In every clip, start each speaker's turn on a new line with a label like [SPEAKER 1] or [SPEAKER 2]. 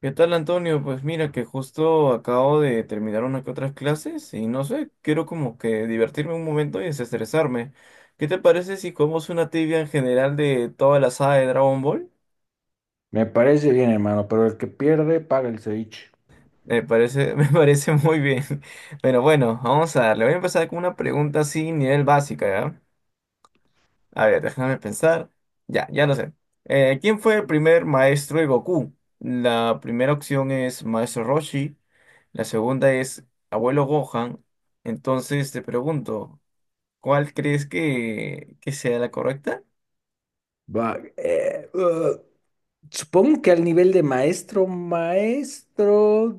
[SPEAKER 1] ¿Qué tal, Antonio? Pues mira que justo acabo de terminar una que otras clases y no sé, quiero como que divertirme un momento y desestresarme. ¿Qué te parece si comemos una tibia en general de toda la saga de Dragon Ball?
[SPEAKER 2] Me parece bien, hermano, pero el que pierde paga el ceviche.
[SPEAKER 1] Me parece, me parece muy bien. Pero bueno, vamos a darle. Voy a empezar con una pregunta así, nivel básica, ¿ya? A ver, déjame pensar. Ya, ya no sé. ¿Quién fue el primer maestro de Goku? La primera opción es Maestro Roshi, la segunda es Abuelo Gohan. Entonces te pregunto, ¿cuál crees que sea la correcta?
[SPEAKER 2] Va, supongo que al nivel de maestro, maestro,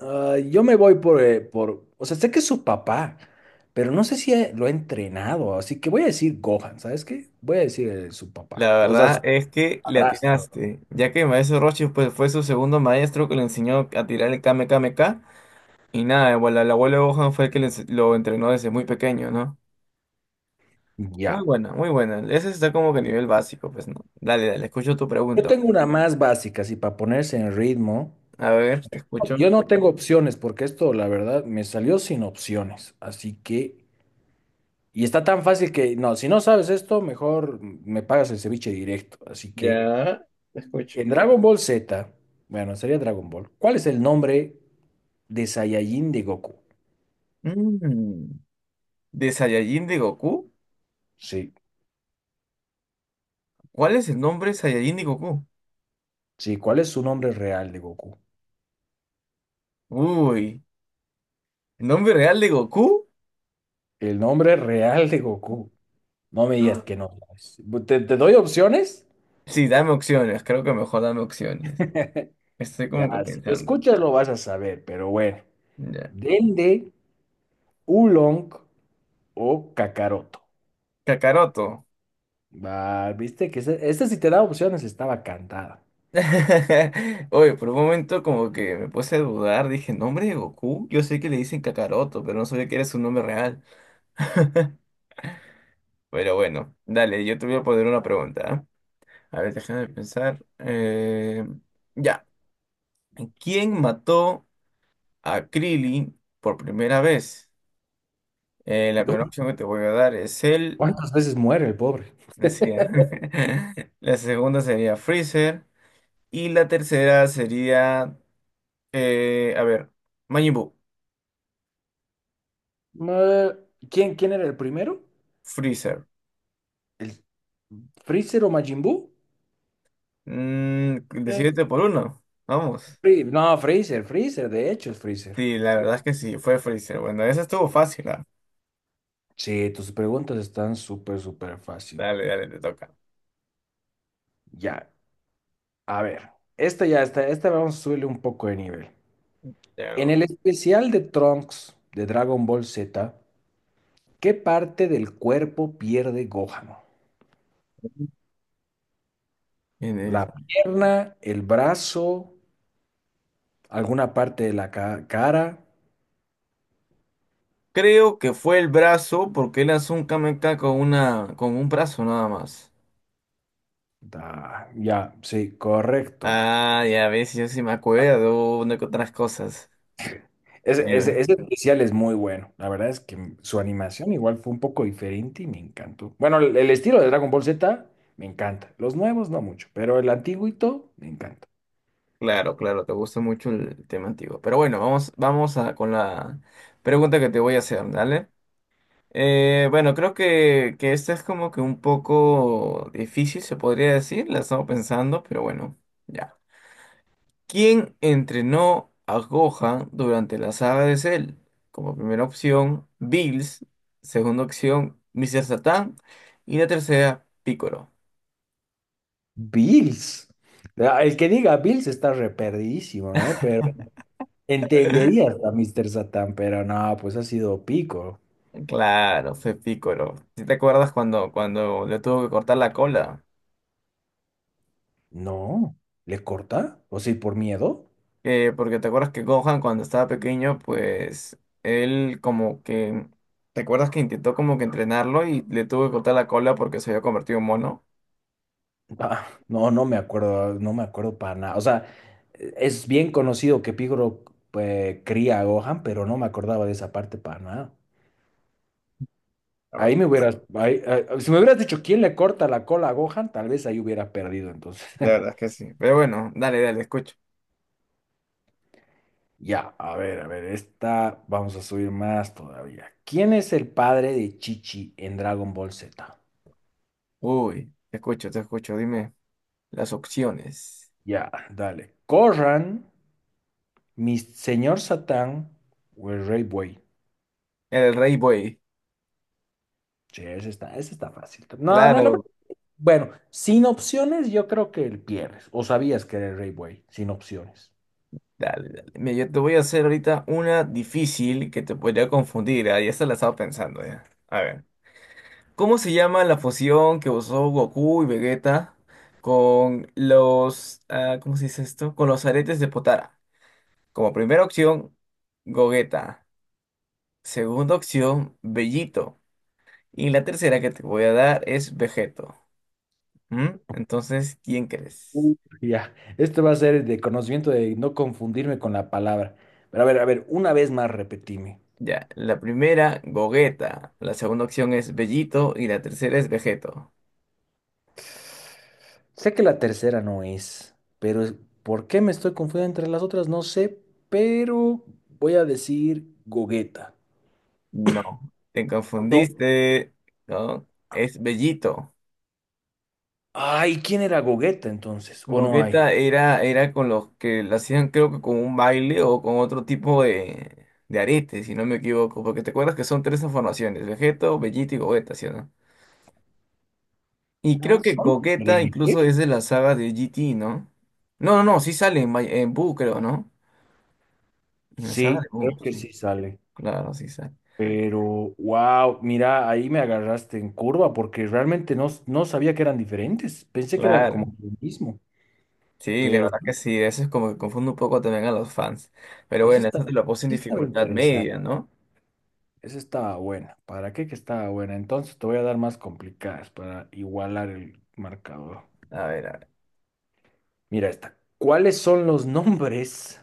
[SPEAKER 2] ah, yo me voy por, o sea, sé que es su papá, pero no sé si lo ha entrenado, así que voy a decir Gohan. ¿Sabes qué? Voy a decir su papá,
[SPEAKER 1] La
[SPEAKER 2] o sea,
[SPEAKER 1] verdad
[SPEAKER 2] su
[SPEAKER 1] es que le
[SPEAKER 2] padrastro.
[SPEAKER 1] atinaste, ya que Maestro Roshi pues, fue su segundo maestro que le enseñó a tirar el Kame Kame Ka. Y nada, bueno, el abuelo Gohan fue el que le ense- lo entrenó desde muy pequeño, ¿no? Muy
[SPEAKER 2] Ya.
[SPEAKER 1] buena, muy buena. Ese está como que a nivel básico, pues no. Dale, dale, escucho tu
[SPEAKER 2] Yo
[SPEAKER 1] pregunta
[SPEAKER 2] tengo
[SPEAKER 1] ahora.
[SPEAKER 2] una más básica, así para ponerse en ritmo.
[SPEAKER 1] A ver, te escucho.
[SPEAKER 2] Yo no tengo opciones, porque esto, la verdad, me salió sin opciones, así que. Y está tan fácil que, no, si no sabes esto, mejor me pagas el ceviche directo. Así que
[SPEAKER 1] Ya, te escucho.
[SPEAKER 2] en Dragon Ball Z, bueno, sería Dragon Ball. ¿Cuál es el nombre de Saiyajin de Goku?
[SPEAKER 1] Mm, ¿De Saiyajin de Goku?
[SPEAKER 2] Sí,
[SPEAKER 1] ¿Cuál es el nombre de Saiyajin de Goku?
[SPEAKER 2] sí, ¿cuál es su nombre real de Goku?
[SPEAKER 1] Uy, ¿el nombre real de Goku?
[SPEAKER 2] El nombre real de Goku. No me digas que no sabes. ¿Te doy opciones?
[SPEAKER 1] Sí, dame opciones, creo que mejor dame opciones. Estoy
[SPEAKER 2] Ya,
[SPEAKER 1] como que
[SPEAKER 2] si lo
[SPEAKER 1] pensando.
[SPEAKER 2] escuchas lo vas a saber, pero bueno.
[SPEAKER 1] Ya.
[SPEAKER 2] Dende, Oolong o Kakaroto.
[SPEAKER 1] Kakaroto.
[SPEAKER 2] Va, viste que este, si te da opciones, estaba cantada.
[SPEAKER 1] Oye, por un momento como que me puse a dudar, dije, ¿nombre de Goku? Yo sé que le dicen Kakaroto, pero no sabía que era su nombre real. Pero bueno, dale, yo te voy a poner una pregunta. ¿Ah? A ver, déjame pensar. Ya. ¿Quién mató a Krillin por primera vez? La primera opción que te voy a dar es él.
[SPEAKER 2] ¿Cuántas veces muere el pobre?
[SPEAKER 1] Así es. La segunda sería Freezer. Y la tercera sería, a ver, Majin Buu.
[SPEAKER 2] Ma- ¿quién era el primero?
[SPEAKER 1] Freezer.
[SPEAKER 2] ¿El Freezer o Majin Buu?
[SPEAKER 1] Mm,
[SPEAKER 2] Eh,
[SPEAKER 1] decídete por uno. Vamos.
[SPEAKER 2] No, Freezer, Freezer, de hecho es Freezer.
[SPEAKER 1] Sí, la verdad es que sí, fue Freezer. Bueno, esa estuvo fácil, ¿ah?
[SPEAKER 2] Sí, tus preguntas están súper, súper fácil.
[SPEAKER 1] Dale, dale, te toca.
[SPEAKER 2] Ya, a ver, esta ya está, esta vamos a subirle un poco de nivel.
[SPEAKER 1] Ya,
[SPEAKER 2] En
[SPEAKER 1] ¿no?
[SPEAKER 2] el especial de Trunks de Dragon Ball Z, ¿qué parte del cuerpo pierde Gohan?
[SPEAKER 1] En el-
[SPEAKER 2] ¿La pierna, el brazo, alguna parte de la cara?
[SPEAKER 1] creo que fue el brazo, porque él lanzó un Kamehameha con un brazo nada más.
[SPEAKER 2] Da, ya, sí, correcto.
[SPEAKER 1] Ah, ya ves, yo sí me acuerdo de otras cosas.
[SPEAKER 2] Ese,
[SPEAKER 1] Eh,
[SPEAKER 2] ese, ese especial es muy bueno. La verdad es que su animación igual fue un poco diferente y me encantó. Bueno, el estilo de Dragon Ball Z me encanta. Los nuevos no mucho, pero el antiguito me encanta.
[SPEAKER 1] Claro, claro, te gusta mucho el tema antiguo. Pero bueno, vamos, con la pregunta que te voy a hacer, ¿dale? Bueno, creo que esta es como que un poco difícil, se podría decir, la estamos pensando, pero bueno, ya. ¿Quién entrenó a Gohan durante la saga de Cell? Como primera opción, Bills. Segunda opción, Mr. Satan. Y la tercera, Piccolo.
[SPEAKER 2] Bills. Ah, el que diga Bills está reperdidísimo, ¿no? Pero entendería a Mr. Satan, pero no, pues ha sido pico.
[SPEAKER 1] Claro, fue Piccolo. ¿Sí te acuerdas cuando le tuvo que cortar la cola?
[SPEAKER 2] No, ¿le corta? ¿O sí, por miedo?
[SPEAKER 1] Porque te acuerdas que Gohan cuando estaba pequeño, pues él como que... ¿Te acuerdas que intentó como que entrenarlo y le tuvo que cortar la cola porque se había convertido en mono?
[SPEAKER 2] Ah, no, no me acuerdo, no me acuerdo para nada. O sea, es bien conocido que Picoro, pues, cría a Gohan, pero no me acordaba de esa parte para nada.
[SPEAKER 1] La
[SPEAKER 2] Ahí
[SPEAKER 1] verdad,
[SPEAKER 2] me hubieras, ahí- ahí- si me hubieras dicho quién le corta la cola a Gohan, tal vez ahí hubiera perdido. Entonces,
[SPEAKER 1] la verdad es que sí. Pero bueno, dale, dale, escucha.
[SPEAKER 2] ya, a ver, esta vamos a subir más todavía. ¿Quién es el padre de Chichi en Dragon Ball Z?
[SPEAKER 1] Uy, te escucho, te escucho. Dime las opciones.
[SPEAKER 2] Ya, dale. Corran, mi señor Satán o el Rey Buey.
[SPEAKER 1] El Rey Buey.
[SPEAKER 2] Sí, ese está fácil. No, no, la verdad.
[SPEAKER 1] Claro.
[SPEAKER 2] Bueno, sin opciones, yo creo que el pierdes. O sabías que era el Rey Buey, sin opciones.
[SPEAKER 1] Dale, dale. Mira, yo te voy a hacer ahorita una difícil que te podría confundir. Ah, ya se la estaba pensando ya. A ver. ¿Cómo se llama la fusión que usó Goku y Vegeta con los... ah, ¿cómo se dice esto? Con los aretes de Potara. Como primera opción, Gogeta. Segunda opción, Bellito. Y la tercera que te voy a dar es Vegeto. ¿Mm? Entonces, ¿quién crees?
[SPEAKER 2] Uh. Ya, este va a ser de conocimiento de no confundirme con la palabra. Pero a ver, una vez más repetime.
[SPEAKER 1] Ya, la primera, Gogeta. La segunda opción es Bellito y la tercera es Vegeto.
[SPEAKER 2] Sé que la tercera no es, ¿Por qué me estoy confundiendo entre las otras? No sé, pero voy a decir Gogeta.
[SPEAKER 1] No, te
[SPEAKER 2] No.
[SPEAKER 1] confundiste. No, es Bellito.
[SPEAKER 2] Ay, ¿quién era Gogeta entonces? ¿O no hay?
[SPEAKER 1] Gogeta era, era con los que la hacían, creo que con un baile o con otro tipo de arete, si no me equivoco. Porque te acuerdas que son tres transformaciones: Vegeto, Bellito y Gogeta, ¿sí o no?
[SPEAKER 2] Ah,
[SPEAKER 1] Y creo que
[SPEAKER 2] son
[SPEAKER 1] Gogeta
[SPEAKER 2] diferentes.
[SPEAKER 1] incluso es de la saga de GT, ¿no? No, no, no, sí sale en, May- en Buu, creo, ¿no? En la saga
[SPEAKER 2] Sí,
[SPEAKER 1] de
[SPEAKER 2] creo
[SPEAKER 1] Buu,
[SPEAKER 2] que
[SPEAKER 1] sí.
[SPEAKER 2] sí sale.
[SPEAKER 1] Claro, sí sale.
[SPEAKER 2] Pero, wow, mira, ahí me agarraste en curva porque realmente no, no sabía que eran diferentes. Pensé que eran como
[SPEAKER 1] Claro.
[SPEAKER 2] lo mismo,
[SPEAKER 1] Sí, la
[SPEAKER 2] pero
[SPEAKER 1] verdad que sí, eso es como que confunde un poco también a los fans. Pero
[SPEAKER 2] eso
[SPEAKER 1] bueno, eso
[SPEAKER 2] estaba,
[SPEAKER 1] te lo puse en
[SPEAKER 2] eso estaba
[SPEAKER 1] dificultad
[SPEAKER 2] interesante.
[SPEAKER 1] media, ¿no?
[SPEAKER 2] Esa estaba buena. ¿Para qué que estaba buena? Entonces te voy a dar más complicadas para igualar el marcador.
[SPEAKER 1] A ver,
[SPEAKER 2] Mira esta. ¿Cuáles son los nombres?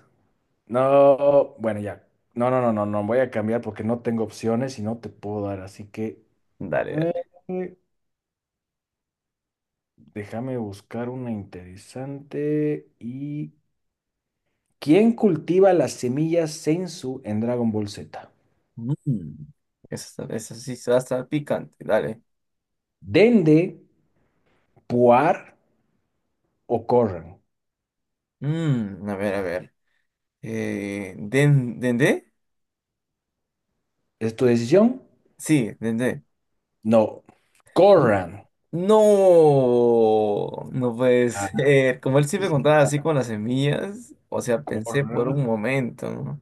[SPEAKER 2] No, bueno, ya. No, no, no, no, no. Voy a cambiar porque no tengo opciones y no te puedo dar. Así que,
[SPEAKER 1] dale, dale.
[SPEAKER 2] eh, déjame buscar una interesante. ¿Y quién cultiva las semillas Senzu en Dragon Ball Z?
[SPEAKER 1] Mm, eso sí va a estar picante, dale.
[SPEAKER 2] ¿Dende, Puar o Corran?
[SPEAKER 1] Mm, a ver, a ver. ¿Dendé?
[SPEAKER 2] ¿Es tu decisión?
[SPEAKER 1] Sí, Dendé.
[SPEAKER 2] No, Corran.
[SPEAKER 1] No, no puede
[SPEAKER 2] Ah,
[SPEAKER 1] ser. Como él siempre
[SPEAKER 2] sí,
[SPEAKER 1] contaba
[SPEAKER 2] está,
[SPEAKER 1] así con las semillas, o sea, pensé por
[SPEAKER 2] Corran.
[SPEAKER 1] un momento, ¿no?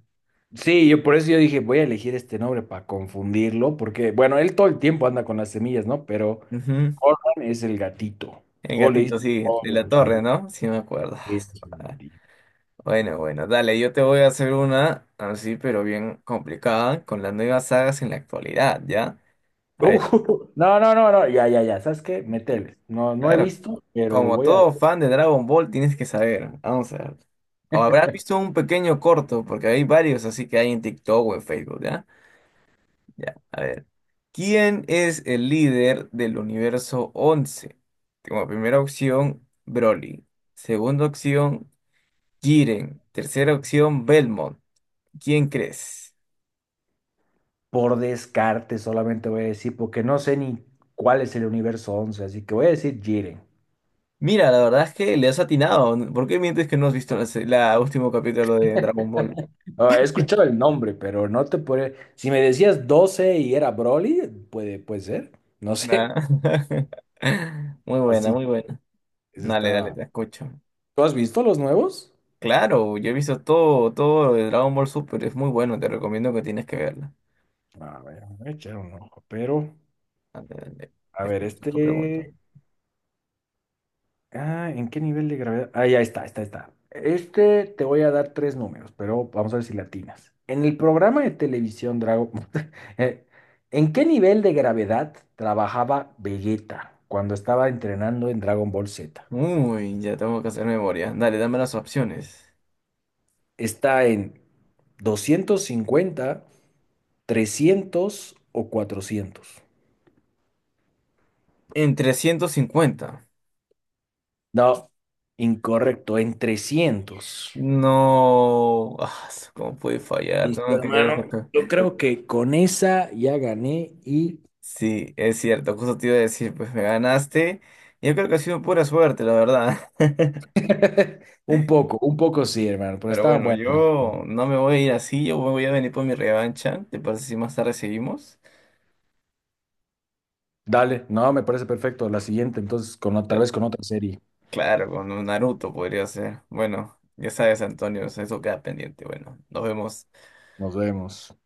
[SPEAKER 2] Sí, yo por eso yo dije, voy a elegir este nombre para confundirlo, porque, bueno, él todo el tiempo anda con las semillas, ¿no? Pero
[SPEAKER 1] Ujú.
[SPEAKER 2] Corran es el gatito.
[SPEAKER 1] El
[SPEAKER 2] O le
[SPEAKER 1] gatito,
[SPEAKER 2] dice
[SPEAKER 1] sí, de la
[SPEAKER 2] Corran, sí,
[SPEAKER 1] torre,
[SPEAKER 2] sí,
[SPEAKER 1] ¿no? Sí, me acuerdo.
[SPEAKER 2] es el
[SPEAKER 1] Ah,
[SPEAKER 2] gatito.
[SPEAKER 1] Bueno, bueno, dale, yo te voy a hacer una así, pero bien complicada, con las nuevas sagas en la actualidad, ¿ya? A
[SPEAKER 2] Uh,
[SPEAKER 1] ver,
[SPEAKER 2] no, no, no, no, ya, ya, ya, ¿sabes qué? Métele. No, no he
[SPEAKER 1] claro,
[SPEAKER 2] visto, pero
[SPEAKER 1] como todo fan de Dragon Ball tienes que saber, vamos a ver. O habrás visto un pequeño corto, porque hay varios así que hay en TikTok o en Facebook, ¿ya? Ya, a ver. ¿Quién es el líder del universo 11? Como primera opción, Broly. Segunda opción, Jiren. Tercera opción, Belmont. ¿Quién crees?
[SPEAKER 2] por descarte solamente voy a decir, porque no sé ni cuál es el universo 11, así que voy a decir Jiren.
[SPEAKER 1] Mira, la verdad es que le has atinado. ¿Por qué mientes que no has visto la último capítulo de Dragon Ball?
[SPEAKER 2] Ah, he escuchado el nombre, pero no te puede, si me decías 12 y era Broly, puede ser, no
[SPEAKER 1] Nah.
[SPEAKER 2] sé,
[SPEAKER 1] Muy buena,
[SPEAKER 2] así
[SPEAKER 1] muy buena.
[SPEAKER 2] es
[SPEAKER 1] Dale, dale,
[SPEAKER 2] está.
[SPEAKER 1] te escucho.
[SPEAKER 2] ¿Tú has visto los nuevos?
[SPEAKER 1] Claro, yo he visto todo, todo de Dragon Ball Super, es muy bueno, te recomiendo que tienes que verla.
[SPEAKER 2] A ver, voy a echar un ojo, pero,
[SPEAKER 1] Dale, dale,
[SPEAKER 2] a
[SPEAKER 1] te
[SPEAKER 2] ver,
[SPEAKER 1] escucho tu pregunta.
[SPEAKER 2] este. Ah, ¿en qué nivel de gravedad? Ah, ya está, está, está. Este te voy a dar tres números, pero vamos a ver si latinas. En el programa de televisión Drago, eh, ¿en qué nivel de gravedad trabajaba Vegeta cuando estaba entrenando en Dragon Ball Z?
[SPEAKER 1] Uy, ya tengo que hacer memoria. Dale, dame las opciones.
[SPEAKER 2] ¿Está en 250, 300 o 400?
[SPEAKER 1] En 350.
[SPEAKER 2] No, incorrecto, en 300.
[SPEAKER 1] No, ¿cómo puede fallar?
[SPEAKER 2] Listo,
[SPEAKER 1] Tengo que ver.
[SPEAKER 2] hermano. Yo creo que con esa ya gané y
[SPEAKER 1] Sí, es cierto, justo te iba a decir, pues me ganaste. Yo creo que ha sido pura suerte, la verdad.
[SPEAKER 2] un poco, un poco sí, hermano, pero
[SPEAKER 1] Pero
[SPEAKER 2] estaban
[SPEAKER 1] bueno,
[SPEAKER 2] buenas.
[SPEAKER 1] yo no me voy a ir así, yo voy a venir por mi revancha. ¿Te parece si más tarde seguimos?
[SPEAKER 2] Dale, no, me parece perfecto. La siguiente, entonces, tal
[SPEAKER 1] Ya.
[SPEAKER 2] vez con otra serie.
[SPEAKER 1] Claro, con un Naruto podría ser. Bueno, ya sabes, Antonio, eso queda pendiente. Bueno, nos vemos.
[SPEAKER 2] Nos vemos.